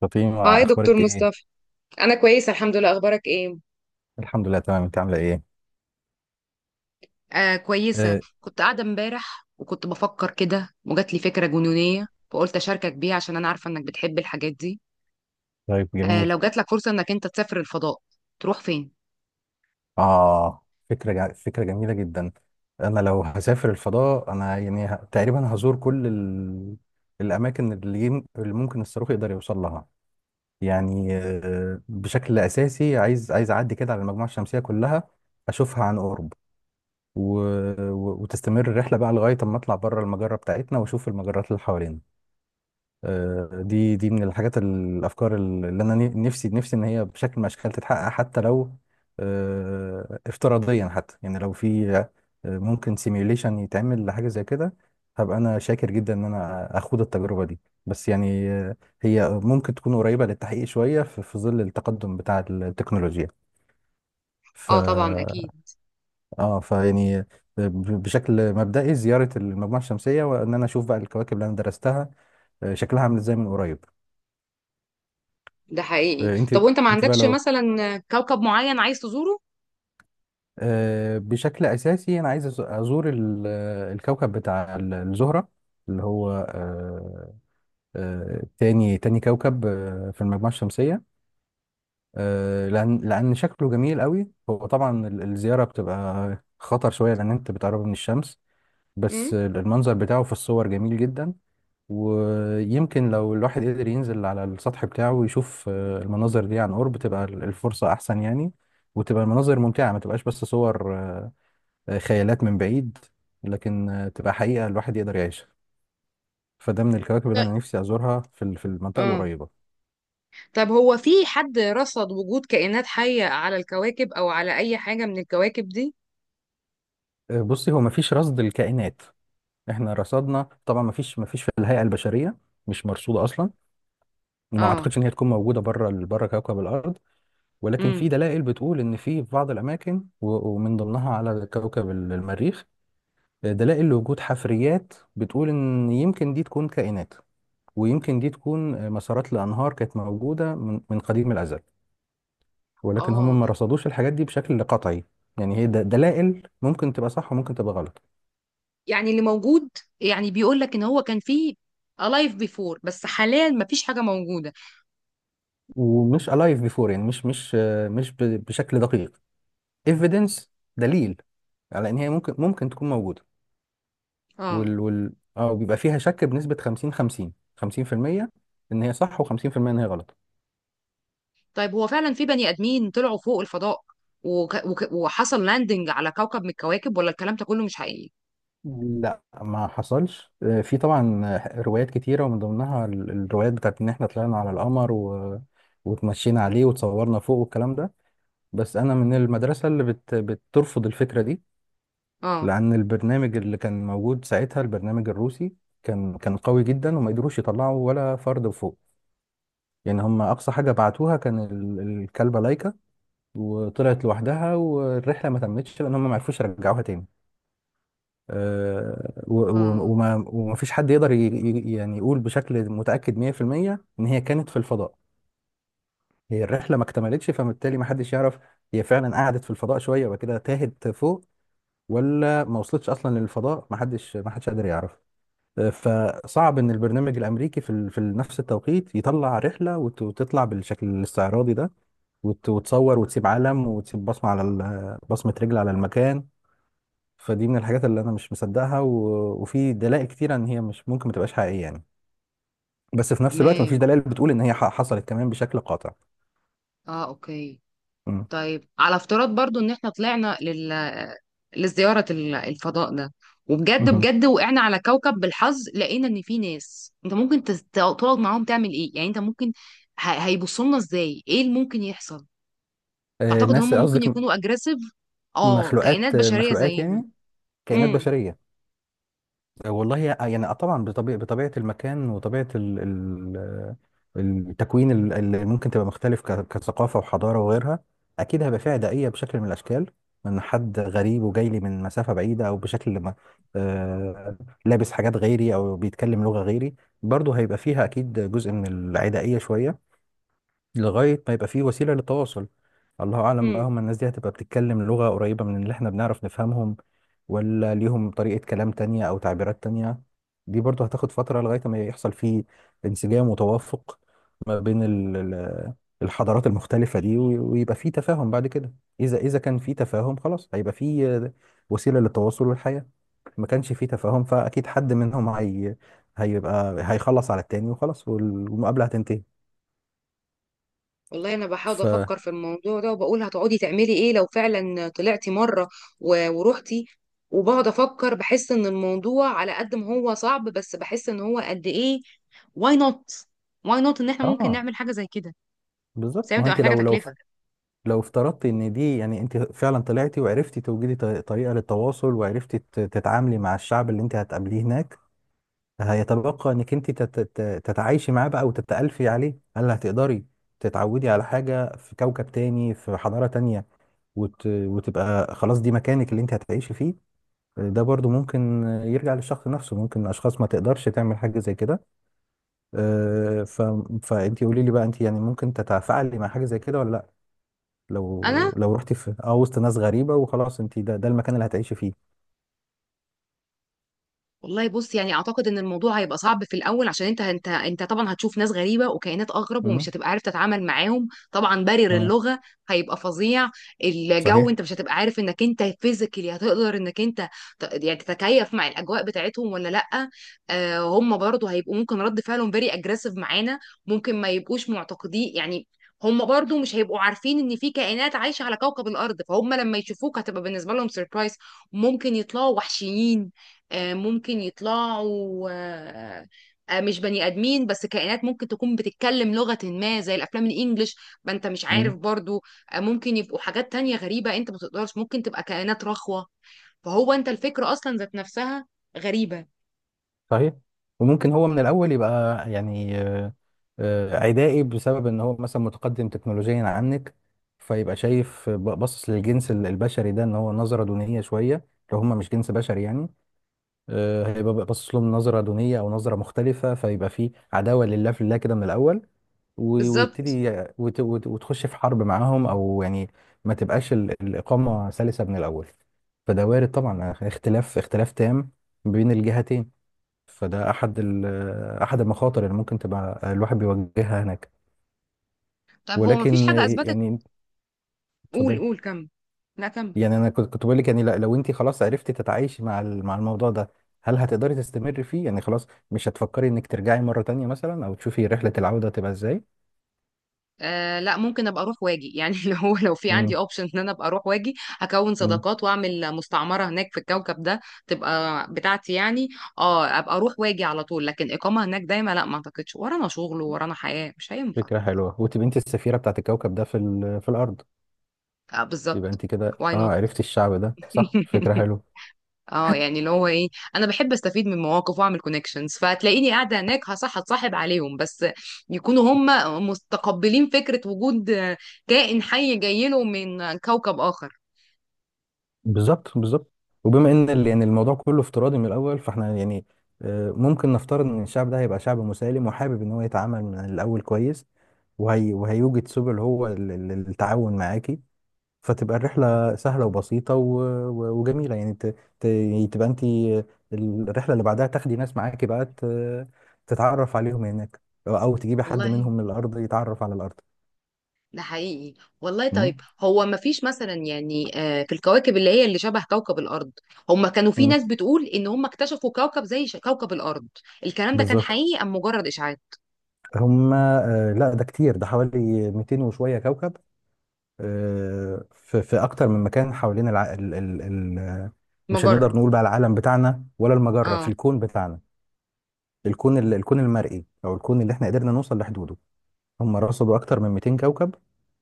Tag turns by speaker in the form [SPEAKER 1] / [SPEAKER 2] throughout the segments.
[SPEAKER 1] فاطمة
[SPEAKER 2] هاي دكتور
[SPEAKER 1] أخبارك إيه؟
[SPEAKER 2] مصطفى. انا كويسه الحمد لله، اخبارك ايه؟
[SPEAKER 1] الحمد لله تمام. أنت عاملة إيه؟
[SPEAKER 2] آه، كويسة،
[SPEAKER 1] آه،
[SPEAKER 2] كنت قاعدة امبارح وكنت بفكر كده وجات لي فكرة جنونية فقلت أشاركك بيها عشان أنا عارفة إنك بتحب الحاجات دي.
[SPEAKER 1] طيب
[SPEAKER 2] آه،
[SPEAKER 1] جميل.
[SPEAKER 2] لو جات لك فرصة إنك أنت تسافر الفضاء تروح فين؟
[SPEAKER 1] فكرة جميلة جدا. أنا لو هسافر الفضاء أنا يعني تقريبا هزور كل الأماكن اللي ممكن الصاروخ يقدر يوصل لها. يعني بشكل أساسي عايز أعدي كده على المجموعة الشمسية كلها، أشوفها عن قرب، و... وتستمر الرحلة بقى لغاية أما أطلع بره المجرة بتاعتنا وأشوف المجرات اللي حوالينا. دي من الحاجات، الافكار اللي انا نفسي ان هي بشكل من الاشكال تتحقق، حتى لو افتراضيا، حتى يعني لو في ممكن سيميوليشن يتعمل لحاجه زي كده، هبقى انا شاكر جدا ان انا اخوض التجربه دي. بس يعني هي ممكن تكون قريبه للتحقيق شويه في ظل التقدم بتاع التكنولوجيا. ف
[SPEAKER 2] اه، طبعا اكيد.
[SPEAKER 1] اه فيعني بشكل مبدئي زياره المجموعه الشمسيه وان انا اشوف بقى الكواكب اللي انا درستها، شكلها عامل ازاي من قريب.
[SPEAKER 2] ده حقيقي.
[SPEAKER 1] آه، انت
[SPEAKER 2] طب وانت ما
[SPEAKER 1] انت بقى
[SPEAKER 2] عندكش
[SPEAKER 1] لو
[SPEAKER 2] مثلا كوكب معين عايز تزوره؟
[SPEAKER 1] آه، بشكل اساسي انا عايز ازور الكوكب بتاع الزهره، اللي هو تاني كوكب في المجموعه الشمسيه. لان شكله جميل قوي. هو طبعا الزياره بتبقى خطر شويه لان انت بتقرب من الشمس، بس
[SPEAKER 2] امم.
[SPEAKER 1] المنظر بتاعه في الصور جميل جدا. ويمكن لو الواحد قدر ينزل على السطح بتاعه ويشوف المناظر دي عن قرب تبقى الفرصة أحسن يعني، وتبقى المناظر ممتعة، ما تبقاش بس صور خيالات من بعيد، لكن تبقى حقيقة الواحد يقدر يعيشها. فده من الكواكب اللي
[SPEAKER 2] طيب.
[SPEAKER 1] أنا نفسي أزورها في المنطقة
[SPEAKER 2] اه،
[SPEAKER 1] القريبة.
[SPEAKER 2] طب هو في حد رصد وجود كائنات حيه على الكواكب او على اي حاجه من الكواكب دي؟
[SPEAKER 1] بصي، هو مفيش رصد الكائنات. احنا رصدنا طبعا، مفيش في الهيئة البشرية، مش مرصودة أصلا، وما
[SPEAKER 2] آه.
[SPEAKER 1] أعتقدش إن هي تكون موجودة بره كوكب الأرض. ولكن في
[SPEAKER 2] امم.
[SPEAKER 1] دلائل بتقول ان في بعض الاماكن و- ومن ضمنها على كوكب المريخ دلائل لوجود حفريات بتقول ان يمكن دي تكون كائنات، ويمكن دي تكون مسارات لانهار كانت موجوده من قديم الازل، ولكن
[SPEAKER 2] اه،
[SPEAKER 1] هم ما رصدوش الحاجات دي بشكل قطعي. يعني هي دلائل ممكن تبقى صح وممكن تبقى غلط.
[SPEAKER 2] يعني اللي موجود، يعني بيقول لك ان هو كان فيه alive before بس حاليا مفيش حاجة موجودة.
[SPEAKER 1] ومش alive before، يعني مش مش بشكل دقيق. Evidence، دليل، على ان هي ممكن تكون موجوده.
[SPEAKER 2] اه.
[SPEAKER 1] وال وال اه بيبقى فيها شك بنسبة 50 50، 50%، ان هي صح و50% ان هي غلط.
[SPEAKER 2] طيب هو فعلا في بني ادمين طلعوا فوق الفضاء وحصل لاندنج على كوكب من الكواكب ولا الكلام ده كله مش حقيقي؟
[SPEAKER 1] لا، ما حصلش. في طبعا روايات كتيرة، ومن ضمنها الروايات بتاعت ان احنا طلعنا على القمر وتمشينا عليه وتصورنا فوق والكلام ده. بس انا من المدرسة اللي بترفض الفكرة دي،
[SPEAKER 2] اه.
[SPEAKER 1] لان البرنامج اللي كان موجود ساعتها، البرنامج الروسي، كان قوي جدا وما قدروش يطلعوا ولا فرد فوق. يعني هم اقصى حاجة بعتوها كان الكلبة لايكا، وطلعت لوحدها والرحله ما تمتش لان هم ما عرفوش يرجعوها تاني. آه، و-
[SPEAKER 2] اه،
[SPEAKER 1] و- وما وما فيش حد يقدر يعني يقول بشكل متاكد 100% ان هي كانت في الفضاء. هي الرحله ما اكتملتش، فبالتالي ما حدش يعرف هي فعلا قعدت في الفضاء شويه وبعد كده تاهت فوق، ولا ما وصلتش اصلا للفضاء. ما حدش قادر يعرف. فصعب ان البرنامج الامريكي في نفس التوقيت يطلع رحله وتطلع بالشكل الاستعراضي ده، وتصور وتسيب علم وتسيب بصمه بصمه رجل على المكان. فدي من الحاجات اللي انا مش مصدقها، وفي دلائل كتيره ان هي مش ممكن ما تبقاش حقيقيه يعني، بس في نفس الوقت
[SPEAKER 2] تمام.
[SPEAKER 1] مفيش دلائل بتقول ان هي حصلت كمان بشكل قاطع.
[SPEAKER 2] اه، اوكي.
[SPEAKER 1] امم.
[SPEAKER 2] طيب على افتراض برضو ان احنا طلعنا لزيارة الفضاء ده، وبجد
[SPEAKER 1] مهم.
[SPEAKER 2] بجد وقعنا على كوكب بالحظ، لقينا ان في ناس انت ممكن تقعد معاهم، تعمل ايه يعني؟ انت ممكن هيبصوا لنا ازاي، ايه اللي ممكن يحصل؟ تعتقد ان
[SPEAKER 1] ناس
[SPEAKER 2] هم ممكن
[SPEAKER 1] قصدك؟
[SPEAKER 2] يكونوا اجريسيف؟ اه، كائنات
[SPEAKER 1] مخلوقات آه،
[SPEAKER 2] بشريه
[SPEAKER 1] مخلوقات
[SPEAKER 2] زينا؟
[SPEAKER 1] يعني، كائنات
[SPEAKER 2] امم.
[SPEAKER 1] بشريه. والله، يعني طبعا، بطبيعة المكان وطبيعة ال ال التكوين اللي ممكن تبقى مختلف، كثقافة وحضارة وغيرها، أكيد هيبقى فيها داعية بشكل من الأشكال من حد غريب وجاي لي من مسافة بعيدة أو بشكل ما، آه، لابس حاجات غيري أو بيتكلم لغة غيري. برضه هيبقى فيها أكيد جزء من العدائية شوية لغاية ما يبقى فيه وسيلة للتواصل. الله أعلم بقى،
[SPEAKER 2] امم.
[SPEAKER 1] هم الناس دي هتبقى بتتكلم لغة قريبة من اللي احنا بنعرف نفهمهم، ولا ليهم طريقة كلام تانية أو تعبيرات تانية. دي برضه هتاخد فترة لغاية ما يحصل فيه انسجام وتوافق ما بين الحضارات المختلفة دي، ويبقى فيه تفاهم بعد كده. إذا كان فيه تفاهم، خلاص هيبقى فيه وسيلة للتواصل والحياة. ما كانش فيه تفاهم، فأكيد حد منهم هيبقى هيخلص على التاني وخلاص، والمقابلة هتنتهي.
[SPEAKER 2] والله انا بحاول
[SPEAKER 1] ف
[SPEAKER 2] افكر في الموضوع ده وبقول هتقعدي تعملي ايه لو فعلا طلعتي مره ورحتي. وبقعد افكر، بحس ان الموضوع على قد ما هو صعب بس بحس ان هو قد ايه. واي نوت، واي نوت ان احنا ممكن
[SPEAKER 1] اه
[SPEAKER 2] نعمل حاجه زي كده.
[SPEAKER 1] بالظبط.
[SPEAKER 2] بس هي
[SPEAKER 1] ما هو
[SPEAKER 2] بتبقى
[SPEAKER 1] انت
[SPEAKER 2] محتاجه
[SPEAKER 1] لو لو
[SPEAKER 2] تكلفه.
[SPEAKER 1] لو افترضتي ان دي، يعني انت فعلا طلعتي وعرفتي توجدي طريقه للتواصل، وعرفتي تتعاملي مع الشعب اللي انت هتقابليه هناك، هيتبقى انك انت تتعايشي معاه بقى وتتألفي عليه. هل هتقدري تتعودي على حاجه في كوكب تاني، في حضاره تانية، وتبقى خلاص دي مكانك اللي انت هتعيشي فيه؟ ده برضو ممكن يرجع للشخص نفسه. ممكن اشخاص ما تقدرش تعمل حاجه زي كده. آه، ف... فانت قولي لي بقى، انت يعني ممكن تتفاعلي مع حاجه زي كده ولا لا؟
[SPEAKER 2] انا
[SPEAKER 1] لو رحتي في وسط ناس غريبة، وخلاص انت ده المكان اللي هتعيشي فيه.
[SPEAKER 2] والله بص، يعني اعتقد ان الموضوع هيبقى صعب في الاول، عشان انت طبعا هتشوف ناس غريبه وكائنات اغرب، ومش
[SPEAKER 1] امم،
[SPEAKER 2] هتبقى عارف تتعامل معاهم، طبعا بارير
[SPEAKER 1] تمام.
[SPEAKER 2] اللغه هيبقى فظيع. الجو،
[SPEAKER 1] صحيح.
[SPEAKER 2] انت مش هتبقى عارف انك انت فيزيكالي هتقدر انك انت يعني تتكيف مع الاجواء بتاعتهم ولا لا. آه، هم برضو هيبقوا ممكن رد فعلهم فيري اجريسيف معانا. ممكن ما يبقوش معتقدين يعني، هم برضو مش هيبقوا عارفين ان في كائنات عايشه على كوكب الارض، فهم لما يشوفوك هتبقى بالنسبه لهم سيربرايز. ممكن يطلعوا وحشيين، ممكن يطلعوا مش بني ادمين بس كائنات ممكن تكون بتتكلم لغة ما زي الافلام الانجليش، ما انت مش عارف
[SPEAKER 1] امم.
[SPEAKER 2] برضو. ممكن يبقوا حاجات تانية غريبة انت ما تقدرش، ممكن تبقى كائنات رخوة. فهو انت الفكرة اصلا ذات نفسها غريبة.
[SPEAKER 1] صحيح. وممكن هو من الأول يبقى، يعني عدائي، بسبب ان هو مثلا متقدم تكنولوجيا عنك، فيبقى شايف باصص للجنس البشري ده ان هو نظرة دونية شوية، لو هم مش جنس بشري يعني. هيبقى بقى باصص لهم نظره دونيه او نظره مختلفه، فيبقى في عداوه لله في الله كده من الاول
[SPEAKER 2] بالظبط،
[SPEAKER 1] ويبتدي وتخش في حرب معاهم، او يعني ما تبقاش الاقامه سلسه من الاول. فده وارد طبعا، اختلاف تام بين الجهتين. فده احد احد المخاطر اللي ممكن تبقى الواحد بيواجهها هناك.
[SPEAKER 2] طب هو ما فيش
[SPEAKER 1] ولكن
[SPEAKER 2] حاجة اثبتت.
[SPEAKER 1] يعني،
[SPEAKER 2] قول
[SPEAKER 1] اتفضلي.
[SPEAKER 2] قول، كم، لا كم.
[SPEAKER 1] يعني انا كنت بقول لك، يعني لو انت خلاص عرفتي تتعايشي مع الموضوع ده، هل هتقدري تستمري فيه، يعني خلاص مش هتفكري انك ترجعي مرة تانية مثلا، او تشوفي رحلة العودة تبقى ازاي؟
[SPEAKER 2] آه، لا، ممكن ابقى اروح واجي يعني اللي هو لو في عندي
[SPEAKER 1] امم.
[SPEAKER 2] اوبشن ان انا ابقى اروح واجي، هكون
[SPEAKER 1] امم.
[SPEAKER 2] صداقات واعمل مستعمره هناك في الكوكب ده، تبقى بتاعتي يعني. اه، ابقى اروح واجي على طول، لكن اقامه هناك دايما لا، ما اعتقدش، ورانا شغل ورانا حياه، مش هينفع.
[SPEAKER 1] فكرة حلوة، وتبقي انت السفيرة بتاعت الكوكب ده في الارض.
[SPEAKER 2] آه،
[SPEAKER 1] يبقى
[SPEAKER 2] بالظبط.
[SPEAKER 1] انت كده
[SPEAKER 2] واي نوت.
[SPEAKER 1] عرفتي الشعب ده. صح، فكرة حلوة.
[SPEAKER 2] اه، يعني اللي هو ايه، انا بحب استفيد من مواقف واعمل كونكشنز، فتلاقيني قاعده هناك هصح اتصاحب عليهم، بس يكونوا هم مستقبلين فكره وجود كائن حي جاي له من كوكب اخر.
[SPEAKER 1] بالظبط، بالظبط. وبما ان يعني الموضوع كله افتراضي من الاول، فاحنا يعني ممكن نفترض ان الشعب ده هيبقى شعب مسالم، وحابب ان هو يتعامل من الاول كويس، وهيوجد سبل هو للتعاون معاكي، فتبقى الرحلة سهلة وبسيطة وجميلة، يعني يعني تبقى انت الرحلة اللي بعدها تاخدي ناس معاكي بقى، تتعرف عليهم هناك، او تجيبي حد
[SPEAKER 2] والله
[SPEAKER 1] منهم من الارض يتعرف على الارض.
[SPEAKER 2] ده حقيقي. والله
[SPEAKER 1] مم.
[SPEAKER 2] طيب، هو ما فيش مثلا يعني، في الكواكب اللي هي اللي شبه كوكب الأرض، هم كانوا في
[SPEAKER 1] مم.
[SPEAKER 2] ناس بتقول إن هم اكتشفوا كوكب زي كوكب الأرض. الكلام ده كان
[SPEAKER 1] بالظبط.
[SPEAKER 2] حقيقي أم مجرد إشاعات؟
[SPEAKER 1] هم لا، ده كتير، ده حوالي 200 وشوية كوكب. في اكتر من مكان حوالين الع... ال... ال... ال... مش هنقدر
[SPEAKER 2] مجرة.
[SPEAKER 1] نقول بقى العالم بتاعنا، ولا المجرة في
[SPEAKER 2] اه.
[SPEAKER 1] الكون بتاعنا، الكون الكون المرئي، او الكون اللي احنا قدرنا نوصل لحدوده. هم رصدوا أكتر من 200 كوكب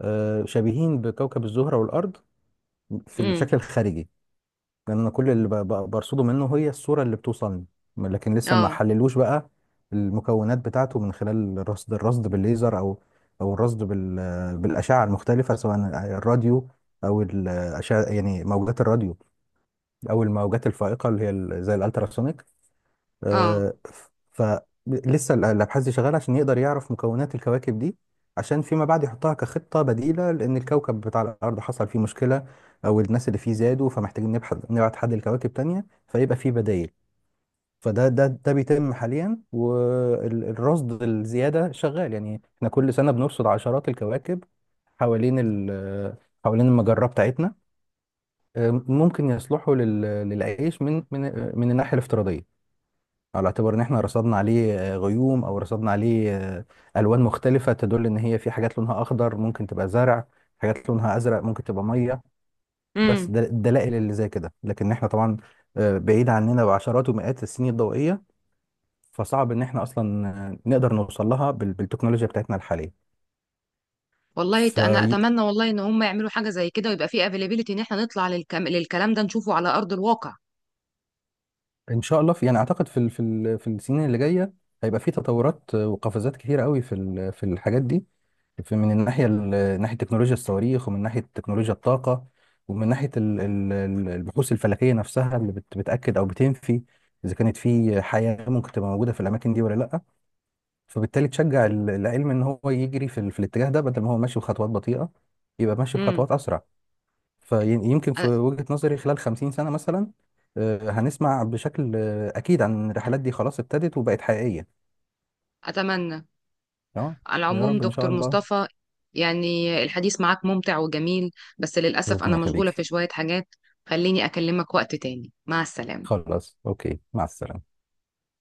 [SPEAKER 1] شبيهين بكوكب الزهرة والأرض في الشكل
[SPEAKER 2] امم.
[SPEAKER 1] الخارجي، لأن كل اللي برصده منه هي الصورة اللي بتوصلني، لكن لسه ما
[SPEAKER 2] اه.
[SPEAKER 1] حللوش بقى المكونات بتاعته من خلال الرصد بالليزر، أو أو الرصد بالأشعة المختلفة، سواء الراديو، أو الأشعة يعني موجات الراديو، أو الموجات الفائقة اللي هي زي الألتراسونيك.
[SPEAKER 2] اه.
[SPEAKER 1] آه، ف- فلسه الابحاث دي شغاله عشان يقدر يعرف مكونات الكواكب دي، عشان فيما بعد يحطها كخطه بديله، لان الكوكب بتاع الارض حصل فيه مشكله، او الناس اللي فيه زادوا، فمحتاجين نبحث نبعت حد لكواكب تانية فيبقى فيه بدائل. فده ده ده بيتم حاليا، والرصد الزياده شغال. يعني احنا كل سنه بنرصد عشرات الكواكب حوالين ال- حوالين المجره بتاعتنا، ممكن يصلحوا للعيش من الناحيه الافتراضيه، على اعتبار ان احنا رصدنا عليه غيوم، او رصدنا عليه الوان مختلفه تدل ان هي في حاجات لونها اخضر ممكن تبقى زرع، حاجات لونها ازرق ممكن تبقى ميه. بس
[SPEAKER 2] امم.
[SPEAKER 1] ده الدلائل اللي زي كده. لكن احنا طبعا بعيد عننا بعشرات ومئات السنين الضوئيه، فصعب ان احنا اصلا نقدر نوصل لها بالتكنولوجيا بتاعتنا
[SPEAKER 2] والله، انا
[SPEAKER 1] الحاليه.
[SPEAKER 2] اتمنى والله ان هم يعملوا حاجه زي كده، ويبقى في افيلابيلتي ان احنا نطلع للكلام ده نشوفه على ارض الواقع.
[SPEAKER 1] ان شاء الله، في يعني اعتقد في السنين اللي جايه هيبقى في تطورات وقفزات كتيره قوي في الحاجات دي، في من الناحيه ناحيه تكنولوجيا الصواريخ، ومن ناحيه تكنولوجيا الطاقه، ومن ناحيه البحوث الفلكيه نفسها اللي بتاكد او بتنفي اذا كانت في حياه ممكن تبقى موجوده في الاماكن دي ولا لا، فبالتالي تشجع العلم ان هو يجري في الاتجاه ده، بدل ما هو ماشي بخطوات بطيئه يبقى ماشي
[SPEAKER 2] امم.
[SPEAKER 1] بخطوات اسرع. فيمكن في
[SPEAKER 2] أ-
[SPEAKER 1] وجهة نظري خلال 50 سنة مثلا هنسمع بشكل أكيد عن الرحلات دي، خلاص ابتدت وبقت حقيقية.
[SPEAKER 2] اتمنى.
[SPEAKER 1] اه.
[SPEAKER 2] على
[SPEAKER 1] يا
[SPEAKER 2] العموم
[SPEAKER 1] رب إن شاء
[SPEAKER 2] دكتور
[SPEAKER 1] الله.
[SPEAKER 2] مصطفى، يعني الحديث معاك ممتع وجميل، بس للأسف
[SPEAKER 1] ربنا
[SPEAKER 2] أنا مشغولة
[SPEAKER 1] يخليك.
[SPEAKER 2] في شوية حاجات، خليني أكلمك وقت تاني. مع السلامة.
[SPEAKER 1] خلاص، أوكي، مع السلامة.